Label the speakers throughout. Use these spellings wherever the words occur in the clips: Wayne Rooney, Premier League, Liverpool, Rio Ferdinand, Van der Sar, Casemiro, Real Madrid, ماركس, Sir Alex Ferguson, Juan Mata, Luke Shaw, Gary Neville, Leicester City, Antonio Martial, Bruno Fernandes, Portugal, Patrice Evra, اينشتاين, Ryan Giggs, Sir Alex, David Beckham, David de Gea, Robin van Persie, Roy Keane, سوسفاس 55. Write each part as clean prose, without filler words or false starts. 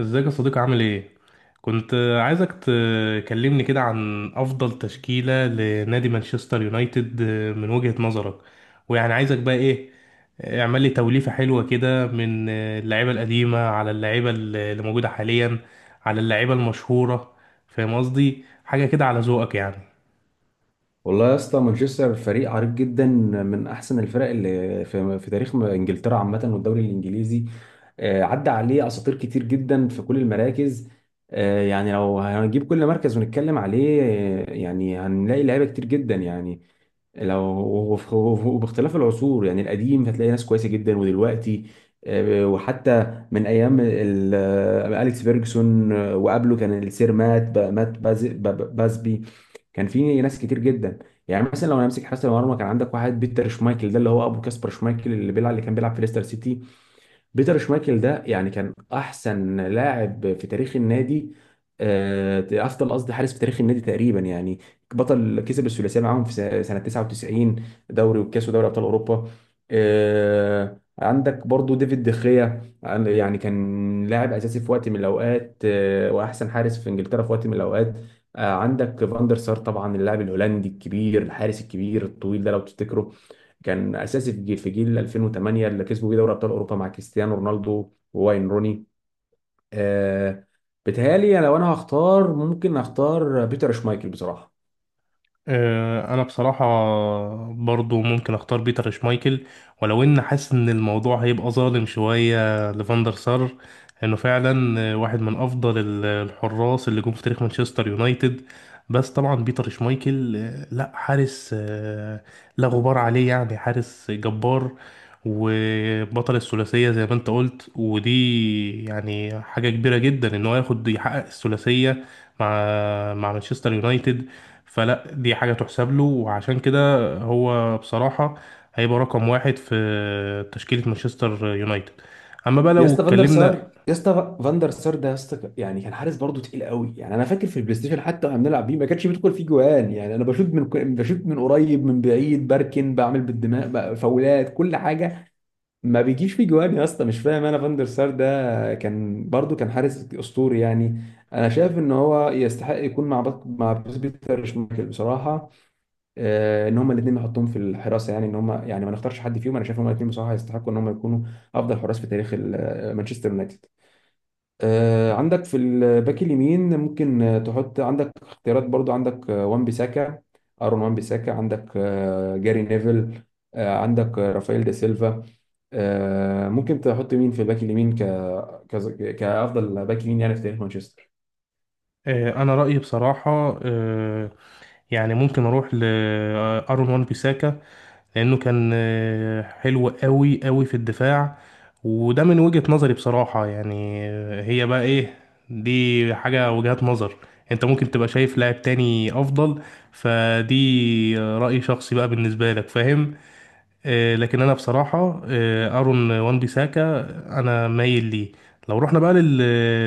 Speaker 1: ازيك يا صديقي عامل ايه؟ كنت عايزك تكلمني كده عن افضل تشكيلة لنادي مانشستر يونايتد من وجهة نظرك. ويعني عايزك بقى ايه، اعمل لي توليفة حلوة كده من اللعيبة القديمة على اللعيبة اللي موجودة حاليا، على اللعيبة المشهورة. فاهم قصدي؟ حاجة كده على ذوقك يعني.
Speaker 2: والله يا اسطى مانشستر فريق عريق جدا من احسن الفرق اللي في تاريخ انجلترا عامه والدوري الانجليزي. عدى عليه اساطير كتير جدا في كل المراكز. يعني لو هنجيب كل مركز ونتكلم عليه يعني هنلاقي لعيبه كتير جدا يعني. لو وباختلاف العصور يعني القديم هتلاقي ناس كويسه جدا ودلوقتي. وحتى من ايام اليكس فيرجسون، وقبله كان السير مات با- مات باز- با- با- بازبي. كان في ناس كتير جدا. يعني مثلا لو انا امسك حراسه المرمى كان عندك واحد بيتر شمايكل، ده اللي هو ابو كاسبر شمايكل اللي كان بيلعب في ليستر سيتي. بيتر شمايكل ده يعني كان احسن لاعب في تاريخ النادي، افضل قصدي حارس في تاريخ النادي تقريبا يعني. بطل كسب الثلاثيه معاهم في سنه 99، دوري والكاس ودوري ابطال اوروبا. عندك برضو ديفيد دخيا يعني كان لاعب اساسي في وقت من الاوقات، واحسن حارس في انجلترا في وقت من الاوقات. عندك فاندر سار طبعا، اللاعب الهولندي الكبير الحارس الكبير الطويل ده لو تفتكره. كان اساسي في جيل 2008 اللي كسبوا بيه دوري ابطال اوروبا مع كريستيانو رونالدو وواين روني. آه بتهيألي لو انا هختار ممكن اختار بيتر شمايكل بصراحه.
Speaker 1: انا بصراحة برضو ممكن اختار بيتر شمايكل، ولو ان حاسس ان الموضوع هيبقى ظالم شوية لفاندر سار، انه فعلا واحد من افضل الحراس اللي جم في تاريخ مانشستر يونايتد. بس طبعا بيتر شمايكل لا حارس لا غبار عليه، يعني حارس جبار وبطل الثلاثية زي ما انت قلت، ودي يعني حاجة كبيرة جدا ان هو ياخد يحقق الثلاثية مع مع مانشستر يونايتد. فلا دي حاجة تحسب له، وعشان كده هو بصراحة هيبقى رقم واحد في تشكيلة مانشستر يونايتد. أما بقى
Speaker 2: يا
Speaker 1: لو
Speaker 2: اسطى فاندر
Speaker 1: اتكلمنا
Speaker 2: سار، ده يا اسطى يعني كان حارس برضه تقيل قوي يعني. انا فاكر في البلاي ستيشن حتى واحنا بنلعب بيه ما كانش بيدخل فيه جوان يعني، انا بشوط من قريب من بعيد بركن بعمل بالدماغ بقى فاولات كل حاجه. ما بيجيش في جوان يا اسطى، مش فاهم انا، فاندر سار ده كان برضو كان حارس اسطوري يعني. انا شايف ان هو يستحق يكون مع بيتر شمايكل بصراحه. ان هما الاثنين نحطهم في الحراسه، يعني ان هما يعني ما نختارش حد فيهم، انا شايف ان هما الاثنين بصراحه يستحقوا ان هما يكونوا افضل حراس في تاريخ مانشستر يونايتد. عندك في الباك اليمين ممكن تحط، عندك اختيارات، برضو عندك وان بيساكا، ارون وان بيساكا، عندك جاري نيفل، عندك رافائيل دا سيلفا. ممكن تحط مين في الباك اليمين كافضل باك يمين يعني في تاريخ مانشستر.
Speaker 1: أنا رأيي بصراحة يعني ممكن أروح لأرون وان بيساكا، لأنه كان حلو قوي قوي في الدفاع. وده من وجهة نظري بصراحة، يعني هي بقى إيه، دي حاجة وجهات نظر. أنت ممكن تبقى شايف لاعب تاني أفضل، فدي رأي شخصي بقى بالنسبة لك، فاهم؟ لكن انا بصراحه ارون وان بيساكا انا مايل ليه. لو رحنا بقى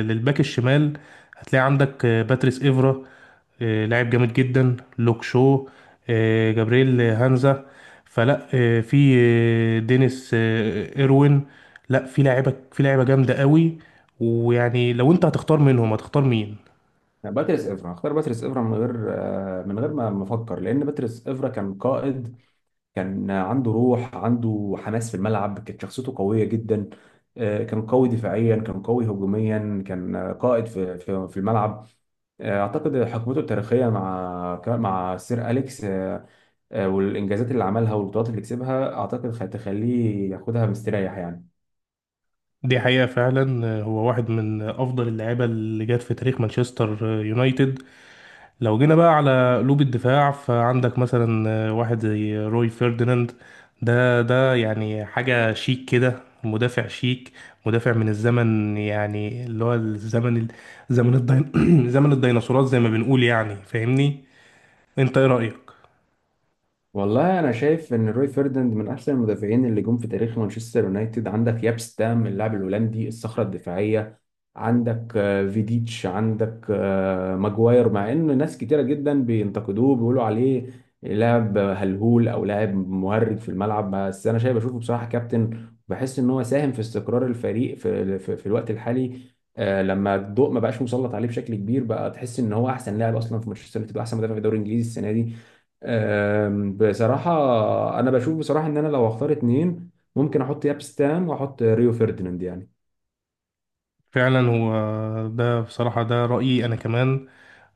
Speaker 1: للباك الشمال، هتلاقي عندك باتريس ايفرا، لاعب جامد جدا لوك شو، جابرييل هانزا، فلا في دينيس ايروين. لا في لاعيبه، في لاعيبه جامده قوي. ويعني لو انت هتختار منهم هتختار مين؟
Speaker 2: لا، باتريس افرا، اختار باتريس افرا من غير من غير ما افكر، لان باتريس افرا كان قائد. كان عنده روح عنده حماس في الملعب، كانت شخصيته قوية جدا. كان قوي دفاعيا، كان قوي هجوميا، كان قائد في الملعب. اعتقد حقبته التاريخيه مع سير اليكس، والانجازات اللي عملها والبطولات اللي كسبها اعتقد هتخليه ياخدها مستريح يعني.
Speaker 1: دي حقيقة فعلا، هو واحد من أفضل اللعيبة اللي جت في تاريخ مانشستر يونايتد. لو جينا بقى على قلوب الدفاع، فعندك مثلا واحد زي روي فيرديناند. ده يعني حاجة شيك كده، مدافع شيك، مدافع من الزمن، يعني اللي هو الزمن زمن زمن الديناصورات زي ما بنقول، يعني فاهمني. انت ايه رأيك؟
Speaker 2: والله انا شايف ان روي فيرديناند من احسن المدافعين اللي جم في تاريخ مانشستر يونايتد، عندك يابس ده من اللاعب الهولندي الصخره الدفاعيه، عندك فيديتش، عندك ماجواير، مع ان ناس كتيره جدا بينتقدوه بيقولوا عليه لاعب هلهول او لاعب مهرج في الملعب. بس انا شايف بشوفه بصراحه كابتن، بحس ان هو ساهم في استقرار الفريق في الوقت الحالي. لما الضوء ما بقاش مسلط عليه بشكل كبير بقى تحس ان هو احسن لاعب اصلا في مانشستر يونايتد واحسن مدافع في الدوري الانجليزي السنه دي. بصراحه انا بشوف بصراحه ان انا لو هختار اتنين، ممكن احط ياب ستام واحط ريو فerdinand يعني.
Speaker 1: فعلا هو، ده بصراحة ده رأيي انا كمان.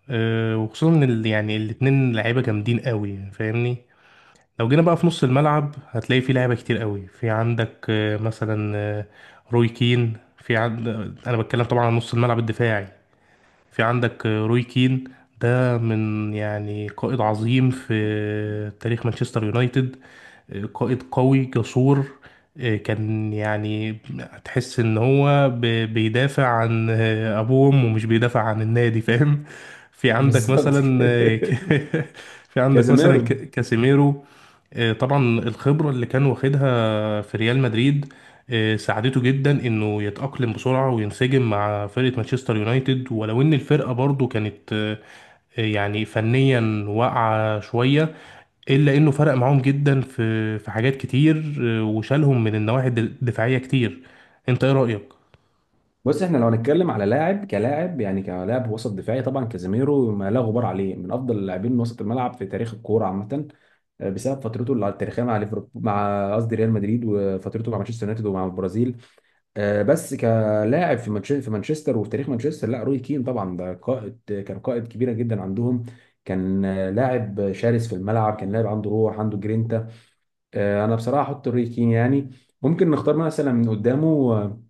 Speaker 1: وخصوصا ان يعني الاتنين لعيبة جامدين قوي فاهمني. لو جينا بقى في نص الملعب، هتلاقي في لعيبة كتير قوي. عندك مثلا روي كين. في عند آه، انا بتكلم طبعا عن نص الملعب الدفاعي. في عندك روي كين، ده من يعني قائد عظيم في تاريخ مانشستر يونايتد، قائد قوي جسور، كان يعني تحس ان هو بيدافع عن ابوه وامه ومش بيدافع عن النادي، فاهم؟ في عندك
Speaker 2: بالظبط
Speaker 1: مثلا
Speaker 2: كده
Speaker 1: في عندك مثلا
Speaker 2: كازيميرو.
Speaker 1: كاسيميرو. طبعا الخبرة اللي كان واخدها في ريال مدريد ساعدته جدا انه يتأقلم بسرعة وينسجم مع فرقة مانشستر يونايتد، ولو ان الفرقة برضو كانت يعني فنيا واقعة شوية. الا انه فرق معاهم جدا في حاجات كتير، وشالهم من النواحي الدفاعية كتير. انت ايه رأيك؟
Speaker 2: بص احنا لو هنتكلم على لاعب كلاعب يعني كلاعب وسط دفاعي طبعا كازيميرو ما لا غبار عليه، من افضل اللاعبين وسط الملعب في تاريخ الكوره عامه. بسبب فترته التاريخيه مع ليفربول مع قصدي ريال مدريد وفترته مع مانشستر يونايتد ومع البرازيل. بس كلاعب في مانشستر وفي تاريخ مانشستر لا، روي كين طبعا ده قائد. كان قائد كبيره جدا عندهم، كان لاعب شرس في الملعب، كان لاعب عنده روح عنده جرينتا. انا بصراحه احط روي كين يعني. ممكن نختار مثلا من قدامه. آه،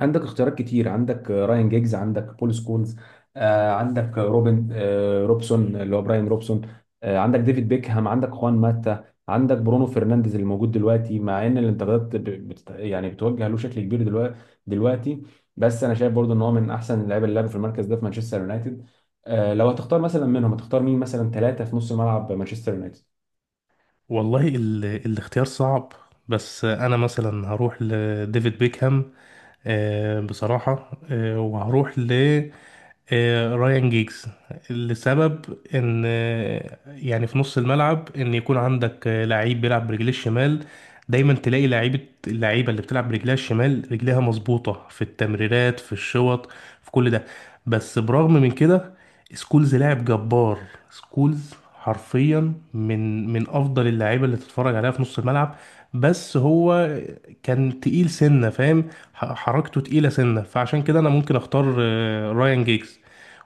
Speaker 2: عندك اختيارات كتير، عندك راين جيجز، عندك بول سكولز، عندك روبن روبسون اللي هو براين روبسون، عندك ديفيد بيكهام، عندك خوان ماتا، عندك برونو فرنانديز اللي موجود دلوقتي مع ان الانتقادات يعني بتوجه له شكل كبير دلوقتي. بس انا شايف برضو ان هو من احسن اللعيبه اللي لعبوا في المركز ده في مانشستر يونايتد. لو هتختار مثلا منهم هتختار مين مثلا ثلاثه في نص ملعب مانشستر يونايتد.
Speaker 1: والله الاختيار صعب، بس انا مثلا هروح لديفيد بيكهام، بصراحة، وهروح ل رايان جيجز. لسبب ان يعني في نص الملعب ان يكون عندك لعيب بيلعب برجليه الشمال، دايما تلاقي لعيبة، اللعيبة اللي بتلعب برجلها الشمال رجلها مظبوطة في التمريرات، في الشوط، في كل ده. بس برغم من كده، سكولز لاعب جبار. سكولز حرفيا من افضل اللعيبة اللي تتفرج عليها في نص الملعب. بس هو كان تقيل سنة، فاهم؟ حركته تقيلة سنة، فعشان كده أنا ممكن أختار رايان جيجز.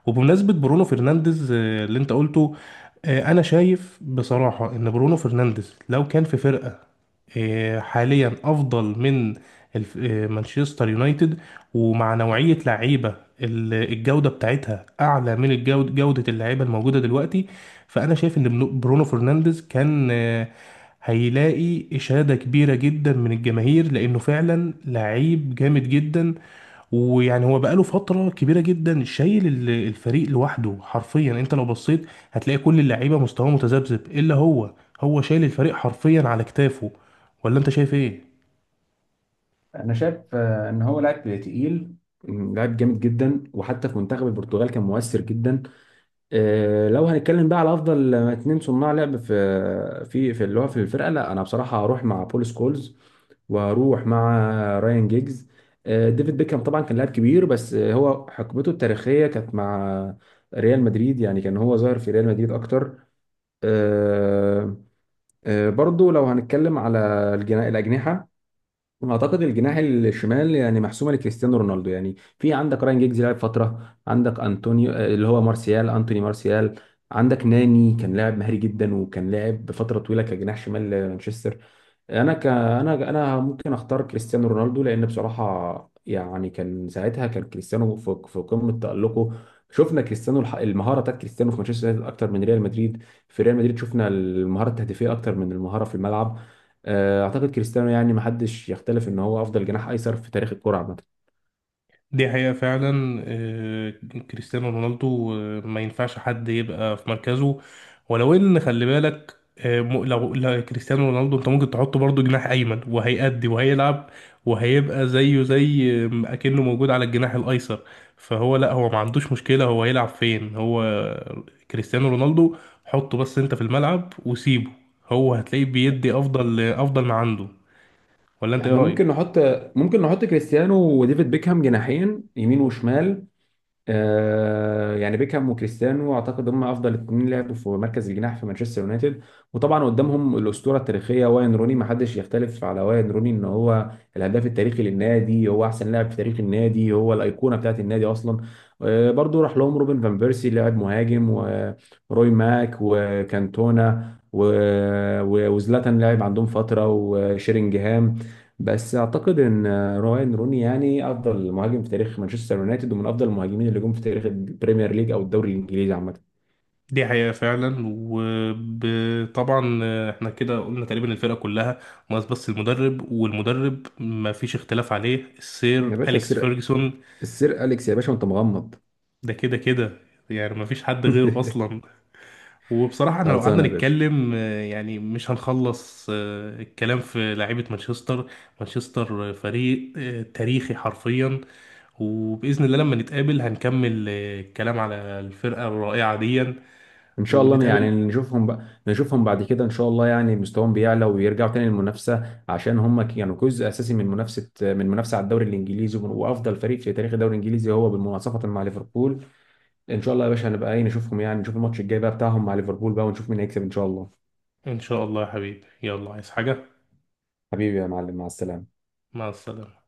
Speaker 1: وبمناسبة برونو فرنانديز اللي أنت قلته، أنا شايف بصراحة إن برونو فرنانديز لو كان في فرقة حاليا أفضل من مانشستر يونايتد، ومع نوعية لعيبة الجودة بتاعتها أعلى من جودة اللعيبة الموجودة دلوقتي، فانا شايف ان برونو فرنانديز كان هيلاقي إشادة كبيرة جدا من الجماهير، لأنه فعلا لعيب جامد جدا. ويعني هو بقاله فترة كبيرة جدا شايل الفريق لوحده حرفيا. انت لو بصيت هتلاقي كل اللعيبة مستواه متذبذب إلا هو، هو شايل الفريق حرفيا على كتافه. ولا انت شايف ايه؟
Speaker 2: انا شايف ان هو لاعب تقيل، لاعب جامد جدا، وحتى في منتخب البرتغال كان مؤثر جدا. إيه، لو هنتكلم بقى على افضل اتنين صناع لعب في في في اللي هو في الفرقه، لا انا بصراحه هروح مع بول سكولز، وهروح مع رايان جيجز. ديفيد بيكهام طبعا كان لاعب كبير بس هو حقبته التاريخيه كانت مع ريال مدريد يعني كان هو ظاهر في ريال مدريد اكتر. آه، برضو لو هنتكلم على الاجنحه، اعتقد الجناح الشمال يعني محسومه لكريستيانو رونالدو يعني، في عندك راين جيجز لعب فتره، عندك انطونيو اللي هو مارسيال، انتوني مارسيال، عندك ناني كان لاعب مهاري جدا وكان لاعب بفتره طويله كجناح شمال لمانشستر. انا ك انا انا ممكن اختار كريستيانو رونالدو، لان بصراحه يعني كان ساعتها كان كريستيانو في قمه تالقه. شفنا كريستيانو المهاره بتاعت كريستيانو في مانشستر يونايتد اكتر من ريال مدريد، في ريال مدريد شفنا المهاره التهديفيه اكتر من المهاره في الملعب. اعتقد كريستيانو يعني محدش يختلف ان هو افضل جناح ايسر في تاريخ الكرة عامة.
Speaker 1: دي حقيقة فعلا. كريستيانو رونالدو ما ينفعش حد يبقى في مركزه. ولو ان خلي بالك لو كريستيانو رونالدو انت ممكن تحطه برضه جناح ايمن وهيأدي وهيلعب وهيبقى زيه زي اكنه موجود على الجناح الايسر. فهو لا، هو ما عندوش مشكلة، هو هيلعب فين هو، كريستيانو رونالدو. حطه بس انت في الملعب وسيبه، هو هتلاقيه بيدي افضل ما عنده. ولا انت ايه
Speaker 2: احنا ممكن
Speaker 1: رأيك؟
Speaker 2: نحط، ممكن نحط كريستيانو وديفيد بيكهام جناحين يمين وشمال. يعني بيكهام وكريستيانو اعتقد هم افضل اتنين لعبوا في مركز الجناح في مانشستر يونايتد. وطبعا قدامهم الاسطوره التاريخيه واين روني، ما حدش يختلف على واين روني ان هو الهداف التاريخي للنادي، هو احسن لاعب في تاريخ النادي، هو الايقونه بتاعت النادي اصلا. برضو راح لهم روبن فان بيرسي لاعب مهاجم، وروي ماك وكانتونا وزلاتان لاعب عندهم فتره وشيرينجهام. بس اعتقد ان راين روني يعني افضل مهاجم في تاريخ مانشستر يونايتد ومن افضل المهاجمين اللي جم في تاريخ البريمير ليج او الدوري الانجليزي عامه.
Speaker 1: دي حقيقة فعلا. وطبعا احنا كده قلنا تقريبا الفرقة كلها، ناقص بس المدرب، والمدرب ما فيش اختلاف عليه،
Speaker 2: يا
Speaker 1: السير
Speaker 2: باشا،
Speaker 1: أليكس
Speaker 2: السير،
Speaker 1: فيرجسون.
Speaker 2: السير أليكس يا باشا وأنت مغمض.
Speaker 1: ده كده كده، يعني ما فيش حد غيره أصلا. وبصراحة احنا لو قعدنا
Speaker 2: خلصانه يا باشا.
Speaker 1: نتكلم يعني مش هنخلص الكلام في لعيبة مانشستر. مانشستر فريق تاريخي حرفيا، وبإذن الله لما نتقابل هنكمل الكلام على الفرقة الرائعة دي
Speaker 2: ان شاء الله
Speaker 1: ونتقابل.
Speaker 2: يعني نشوفهم بقى، نشوفهم بعد كده ان شاء الله يعني مستواهم بيعلى ويرجعوا تاني للمنافسه عشان هم كانوا جزء اساسي من منافسه على الدوري الانجليزي، وافضل فريق في تاريخ الدوري الانجليزي هو بالمناصفه مع ليفربول. ان شاء الله يا باشا هنبقى ايه نشوفهم يعني، نشوف الماتش الجاي بقى بتاعهم مع ليفربول بقى ونشوف مين هيكسب ان شاء الله.
Speaker 1: إن شاء الله يا حبيبي، يلا عايز حاجة؟
Speaker 2: حبيبي يا معلم، مع السلامة.
Speaker 1: مع السلامة.